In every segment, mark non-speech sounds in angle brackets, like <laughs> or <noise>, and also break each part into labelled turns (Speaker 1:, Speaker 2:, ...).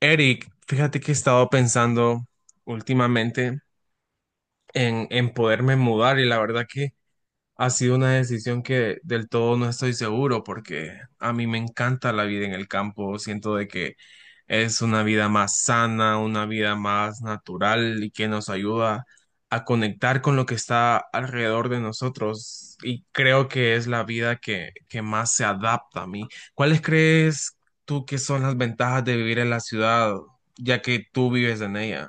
Speaker 1: Eric, fíjate que he estado pensando últimamente en poderme mudar y la verdad que ha sido una decisión que del todo no estoy seguro porque a mí me encanta la vida en el campo. Siento de que es una vida más sana, una vida más natural y que nos ayuda a conectar con lo que está alrededor de nosotros. Y creo que es la vida que más se adapta a mí. ¿Cuáles crees tú que son las ventajas de vivir en la ciudad, ya que tú vives en ella?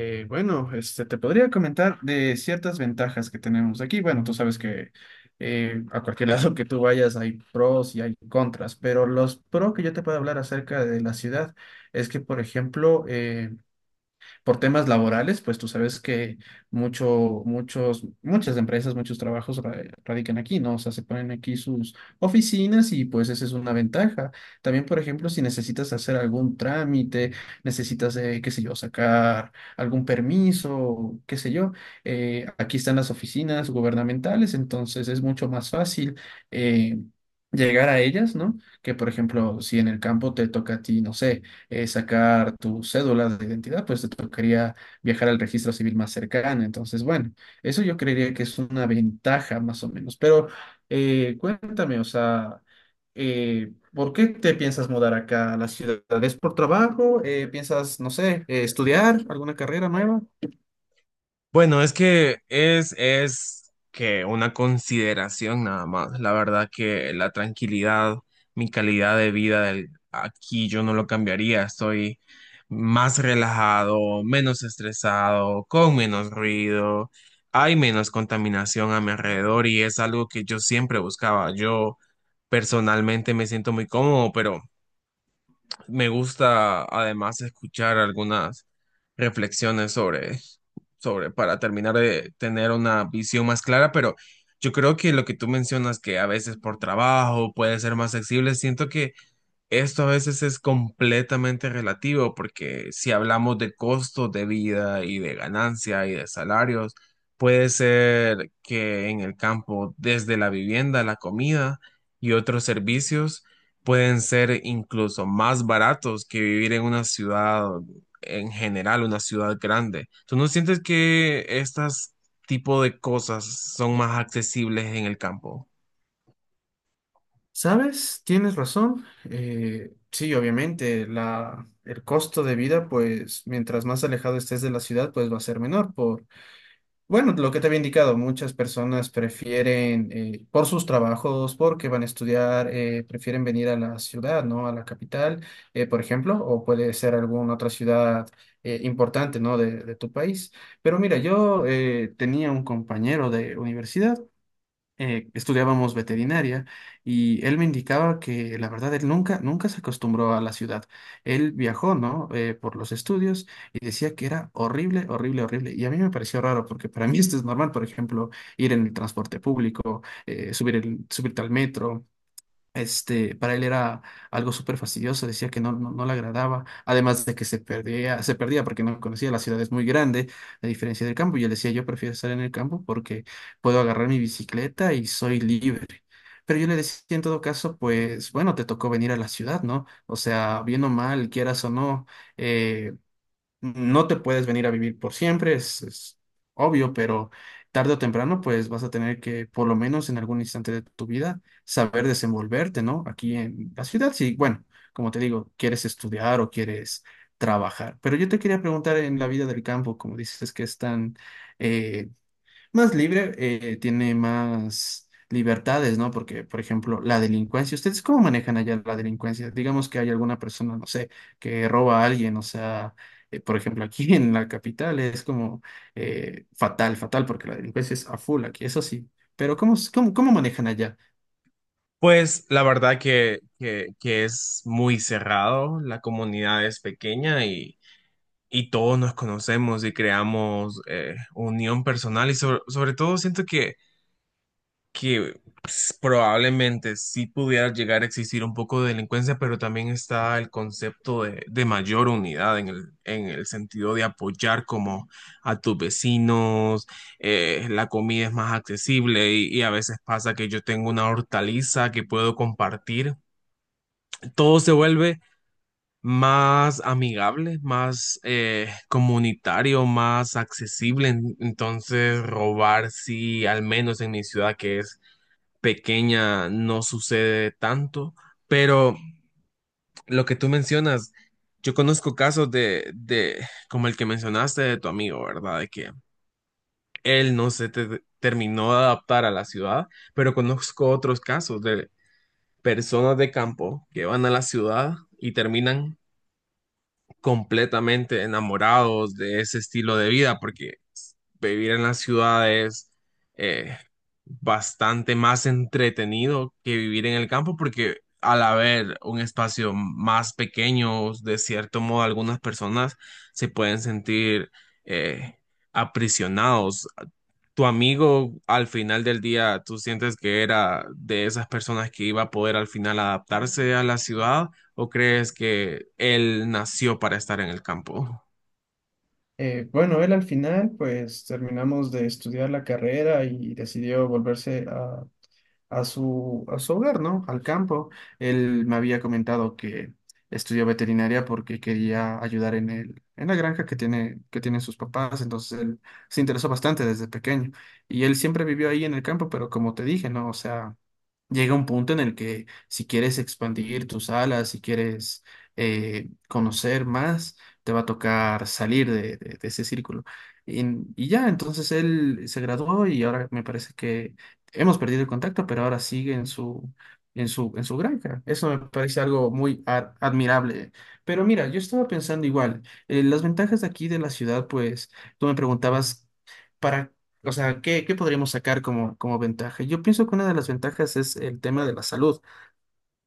Speaker 2: Te podría comentar de ciertas ventajas que tenemos aquí. Bueno, tú sabes que a cualquier <laughs> lado que tú vayas hay pros y hay contras, pero los pros que yo te puedo hablar acerca de la ciudad es que, por ejemplo, por temas laborales, pues tú sabes que muchas empresas, muchos trabajos radican aquí, ¿no? O sea, se ponen aquí sus oficinas y pues esa es una ventaja. También, por ejemplo, si necesitas hacer algún trámite, necesitas, qué sé yo, sacar algún permiso, qué sé yo, aquí están las oficinas gubernamentales, entonces es mucho más fácil eh, llegar a ellas, ¿no? Que por ejemplo, si en el campo te toca a ti, no sé, sacar tu cédula de identidad, pues te tocaría viajar al registro civil más cercano. Entonces, bueno, eso yo creería que es una ventaja más o menos. Pero cuéntame, o sea, ¿por qué te piensas mudar acá a la ciudad? ¿Es por trabajo? ¿Piensas, no sé, estudiar alguna carrera nueva?
Speaker 1: Bueno, es que es que una consideración nada más. La verdad que la tranquilidad, mi calidad de vida aquí yo no lo cambiaría. Estoy más relajado, menos estresado, con menos ruido, hay menos contaminación a mi alrededor y es algo que yo siempre buscaba. Yo personalmente me siento muy cómodo, pero me gusta además escuchar algunas reflexiones sobre, para terminar de tener una visión más clara, pero yo creo que lo que tú mencionas, que a veces por trabajo puede ser más flexible, siento que esto a veces es completamente relativo porque si hablamos de costos de vida y de ganancia y de salarios, puede ser que en el campo, desde la vivienda, la comida y otros servicios, pueden ser incluso más baratos que vivir en una ciudad en general, una ciudad grande. ¿Tú no sientes que estas tipo de cosas son más accesibles en el campo?
Speaker 2: ¿Sabes? Tienes razón. Sí, obviamente, el costo de vida, pues mientras más alejado estés de la ciudad, pues va a ser menor por... Bueno, lo que te había indicado, muchas personas prefieren, por sus trabajos, porque van a estudiar, prefieren venir a la ciudad, ¿no? A la capital, por ejemplo, o puede ser alguna otra ciudad importante, ¿no? De tu país. Pero mira, yo tenía un compañero de universidad, estudiábamos veterinaria y él me indicaba que la verdad él nunca se acostumbró a la ciudad. Él viajó, ¿no?, por los estudios y decía que era horrible, horrible, horrible. Y a mí me pareció raro porque para <laughs> mí esto es normal, por ejemplo, ir en el transporte público, subir subirte al metro. Este, para él era algo súper fastidioso, decía que no, no, no le agradaba, además de que se perdía porque no conocía, la ciudad es muy grande, a diferencia del campo, y él decía, yo prefiero estar en el campo porque puedo agarrar mi bicicleta y soy libre. Pero yo le decía, en todo caso, pues bueno, te tocó venir a la ciudad, ¿no? O sea, bien o mal, quieras o no, eh, no te puedes venir a vivir por siempre, es obvio, pero tarde o temprano, pues vas a tener que, por lo menos en algún instante de tu vida, saber desenvolverte, ¿no? Aquí en la ciudad, sí, bueno, como te digo, quieres estudiar o quieres trabajar. Pero yo te quería preguntar en la vida del campo, como dices que es tan, eh, más libre, tiene más libertades, ¿no? Porque, por ejemplo, la delincuencia, ¿ustedes cómo manejan allá la delincuencia? Digamos que hay alguna persona, no sé, que roba a alguien, o sea, por ejemplo, aquí <laughs> en la capital es como fatal, fatal, porque la delincuencia es a full aquí, eso sí. Pero ¿cómo, cómo, cómo manejan allá?
Speaker 1: Pues la verdad que es muy cerrado, la comunidad es pequeña y todos nos conocemos y creamos unión personal y sobre todo siento que pues, probablemente sí pudiera llegar a existir un poco de delincuencia, pero también está el concepto de mayor unidad en el sentido de apoyar como a tus vecinos, la comida es más accesible y a veces pasa que yo tengo una hortaliza que puedo compartir todo se vuelve más amigable, más comunitario, más accesible. Entonces, robar, sí, al menos en mi ciudad que es pequeña, no sucede tanto. Pero lo que tú mencionas, yo conozco casos de como el que mencionaste de tu amigo, ¿verdad? De que él no terminó de adaptar a la ciudad, pero conozco otros casos de personas de campo que van a la ciudad y terminan completamente enamorados de ese estilo de vida, porque vivir en las ciudades es bastante más entretenido que vivir en el campo porque al haber un espacio más pequeño, de cierto modo, algunas personas se pueden sentir eh, aprisionados. Tu amigo al final del día, ¿tú sientes que era de esas personas que iba a poder al final adaptarse a la ciudad o crees que él nació para estar en el campo?
Speaker 2: Bueno, él al final pues terminamos de estudiar la carrera y decidió volverse a su hogar, ¿no? Al campo. Él me había comentado que estudió veterinaria porque quería ayudar en la granja que que tienen sus papás, entonces él se interesó bastante desde pequeño. Y él siempre vivió ahí en el campo, pero como te dije, ¿no? O sea, llega un punto en el que si quieres expandir tus alas, si quieres conocer más, te va a tocar salir de ese círculo. Y, y ya, entonces él se graduó y ahora me parece que hemos perdido el contacto, pero ahora sigue en su granja. Eso me parece algo muy admirable. Pero mira, yo estaba pensando igual, las ventajas de aquí de la ciudad, pues tú me preguntabas... ¿Para... o sea, ¿qué podríamos sacar como, como ventaja? Yo pienso que una de las ventajas es el tema de la salud.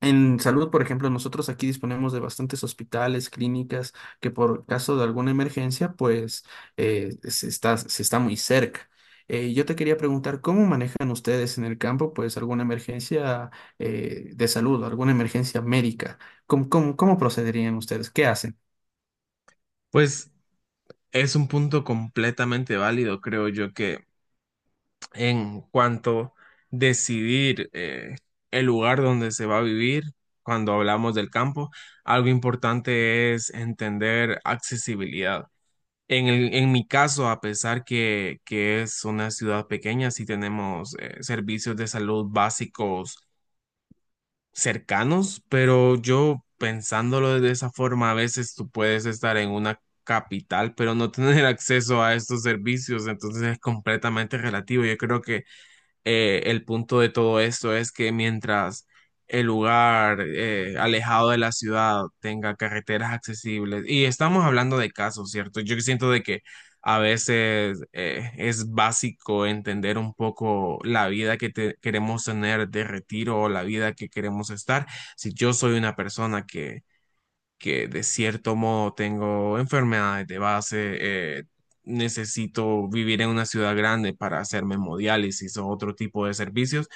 Speaker 2: En salud, por ejemplo, nosotros aquí disponemos de bastantes hospitales, clínicas, que por caso de alguna emergencia, pues se está muy cerca. Yo te quería preguntar, ¿cómo manejan ustedes en el campo, pues, alguna emergencia de salud, alguna emergencia médica? Cómo procederían ustedes? ¿Qué hacen?
Speaker 1: Pues es un punto completamente válido, creo yo, que en cuanto decidir el lugar donde se va a vivir, cuando hablamos del campo, algo importante es entender accesibilidad. En mi caso, a pesar que es una ciudad pequeña, sí tenemos servicios de salud básicos cercanos, pero yo pensándolo de esa forma, a veces tú puedes estar en una capital, pero no tener <laughs> acceso a estos servicios, entonces es completamente relativo. Yo creo que el punto de todo esto es que mientras el lugar alejado de la ciudad tenga carreteras accesibles, y estamos hablando de casos, ¿cierto? Yo siento de que a veces es básico entender un poco la vida que queremos tener de retiro o la vida que queremos estar. Si yo soy una persona que de cierto modo tengo enfermedades de base, eh, necesito vivir en una ciudad grande para hacerme hemodiálisis o otro tipo de servicios.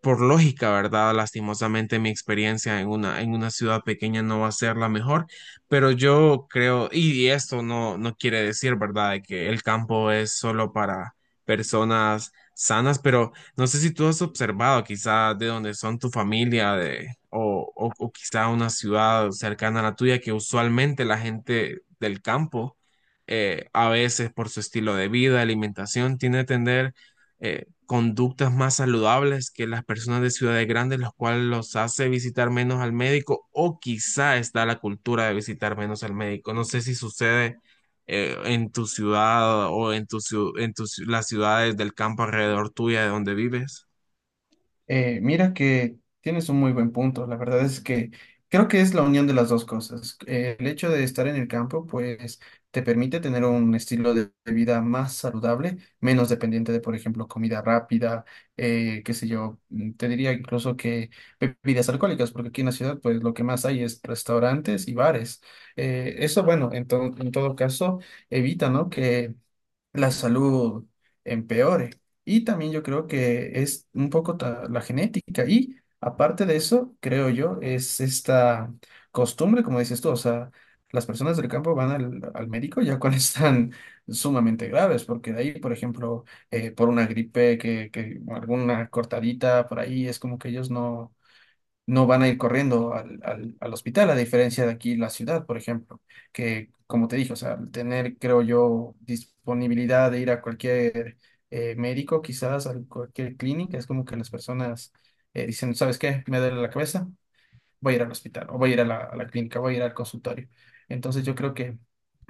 Speaker 1: Por lógica, ¿verdad? Lastimosamente mi experiencia en una ciudad pequeña no va a ser la mejor, pero yo creo, y esto no quiere decir, ¿verdad?, de que el campo es solo para personas sanas, pero no sé si tú has observado quizá de dónde son tu familia de, o quizá una ciudad cercana a la tuya que usualmente la gente del campo a veces por su estilo de vida, alimentación, tiene a tener conductas más saludables que las personas de ciudades grandes, los cuales los hace visitar menos al médico o quizá está la cultura de visitar menos al médico. No sé si sucede en tu ciudad o en tus las ciudades del campo alrededor tuya de donde vives?
Speaker 2: Mira que tienes un muy buen punto. La verdad es que creo que es la unión de las dos cosas. El hecho de estar en el campo, pues, te permite tener un estilo de vida más saludable, menos dependiente de, por ejemplo, comida rápida, qué sé yo, te diría incluso que bebidas alcohólicas, porque aquí en la ciudad, pues, lo que más hay es restaurantes y bares. Eso, bueno, en todo caso, evita, ¿no?, que la salud empeore. Y también yo creo que es un poco la genética. Y aparte de eso, creo yo, es esta costumbre, como dices tú, o sea, las personas del campo van al médico ya cuando <laughs> están sumamente graves, porque de ahí, por ejemplo, por una gripe, que alguna cortadita por ahí, es como que ellos no van a ir corriendo al hospital, a diferencia de aquí la ciudad, por ejemplo, que como te dije, o sea, al tener, creo yo, disponibilidad de ir a cualquier médico, quizás a cualquier clínica, es como que las personas dicen, ¿sabes qué? Me duele la cabeza, voy a ir al hospital, o voy a ir a la clínica, voy a ir al consultorio. Entonces yo creo que...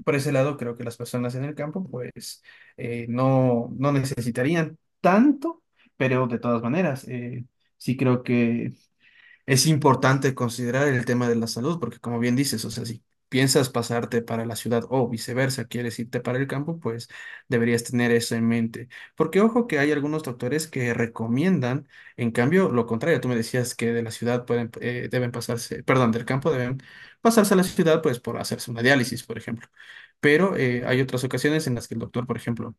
Speaker 2: Por ese lado, creo que las personas en el campo, pues, no necesitarían tanto, pero de todas maneras, sí creo que es importante considerar el tema de la salud, porque como bien dices, o sea, si piensas pasarte para la ciudad o viceversa, quieres irte para el campo, pues deberías tener eso en mente. Porque ojo que hay algunos doctores que recomiendan, en cambio, lo contrario, tú me decías que de la ciudad pueden, deben pasarse, perdón, del campo deben pasarse a la ciudad, pues por hacerse una diálisis, por ejemplo. Pero hay otras ocasiones en las que el doctor, por ejemplo,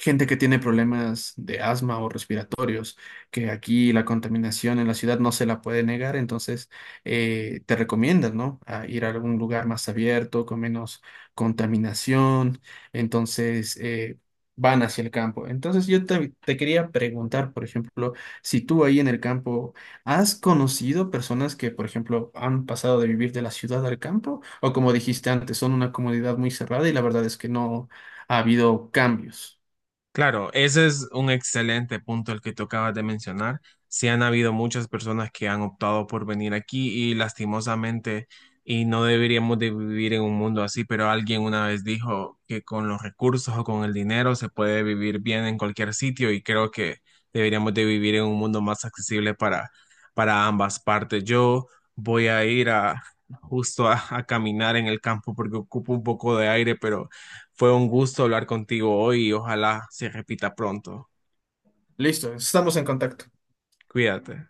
Speaker 2: gente que tiene problemas de asma o respiratorios, que aquí la contaminación en la ciudad no se la puede negar, entonces te recomiendan, ¿no?, A ir a algún lugar más abierto, con menos contaminación, entonces van hacia el campo. Entonces yo te quería preguntar, por ejemplo, si tú ahí en el campo, ¿has conocido personas que, por ejemplo, han pasado de vivir de la ciudad al campo? O como dijiste antes, son una comunidad muy cerrada y la verdad es que no ha habido cambios.
Speaker 1: Claro, ese es un excelente punto el que tú acabas de mencionar. Sí han habido muchas personas que han optado por venir aquí y lastimosamente, y no deberíamos de vivir en un mundo así, pero alguien una vez dijo que con los recursos o con el dinero se puede vivir bien en cualquier sitio y creo que deberíamos de vivir en un mundo más accesible para ambas partes. Yo voy a ir a justo a caminar en el campo porque ocupo un poco de aire, pero... Fue un gusto hablar contigo hoy y ojalá se repita pronto.
Speaker 2: Listo, estamos en contacto.
Speaker 1: Cuídate.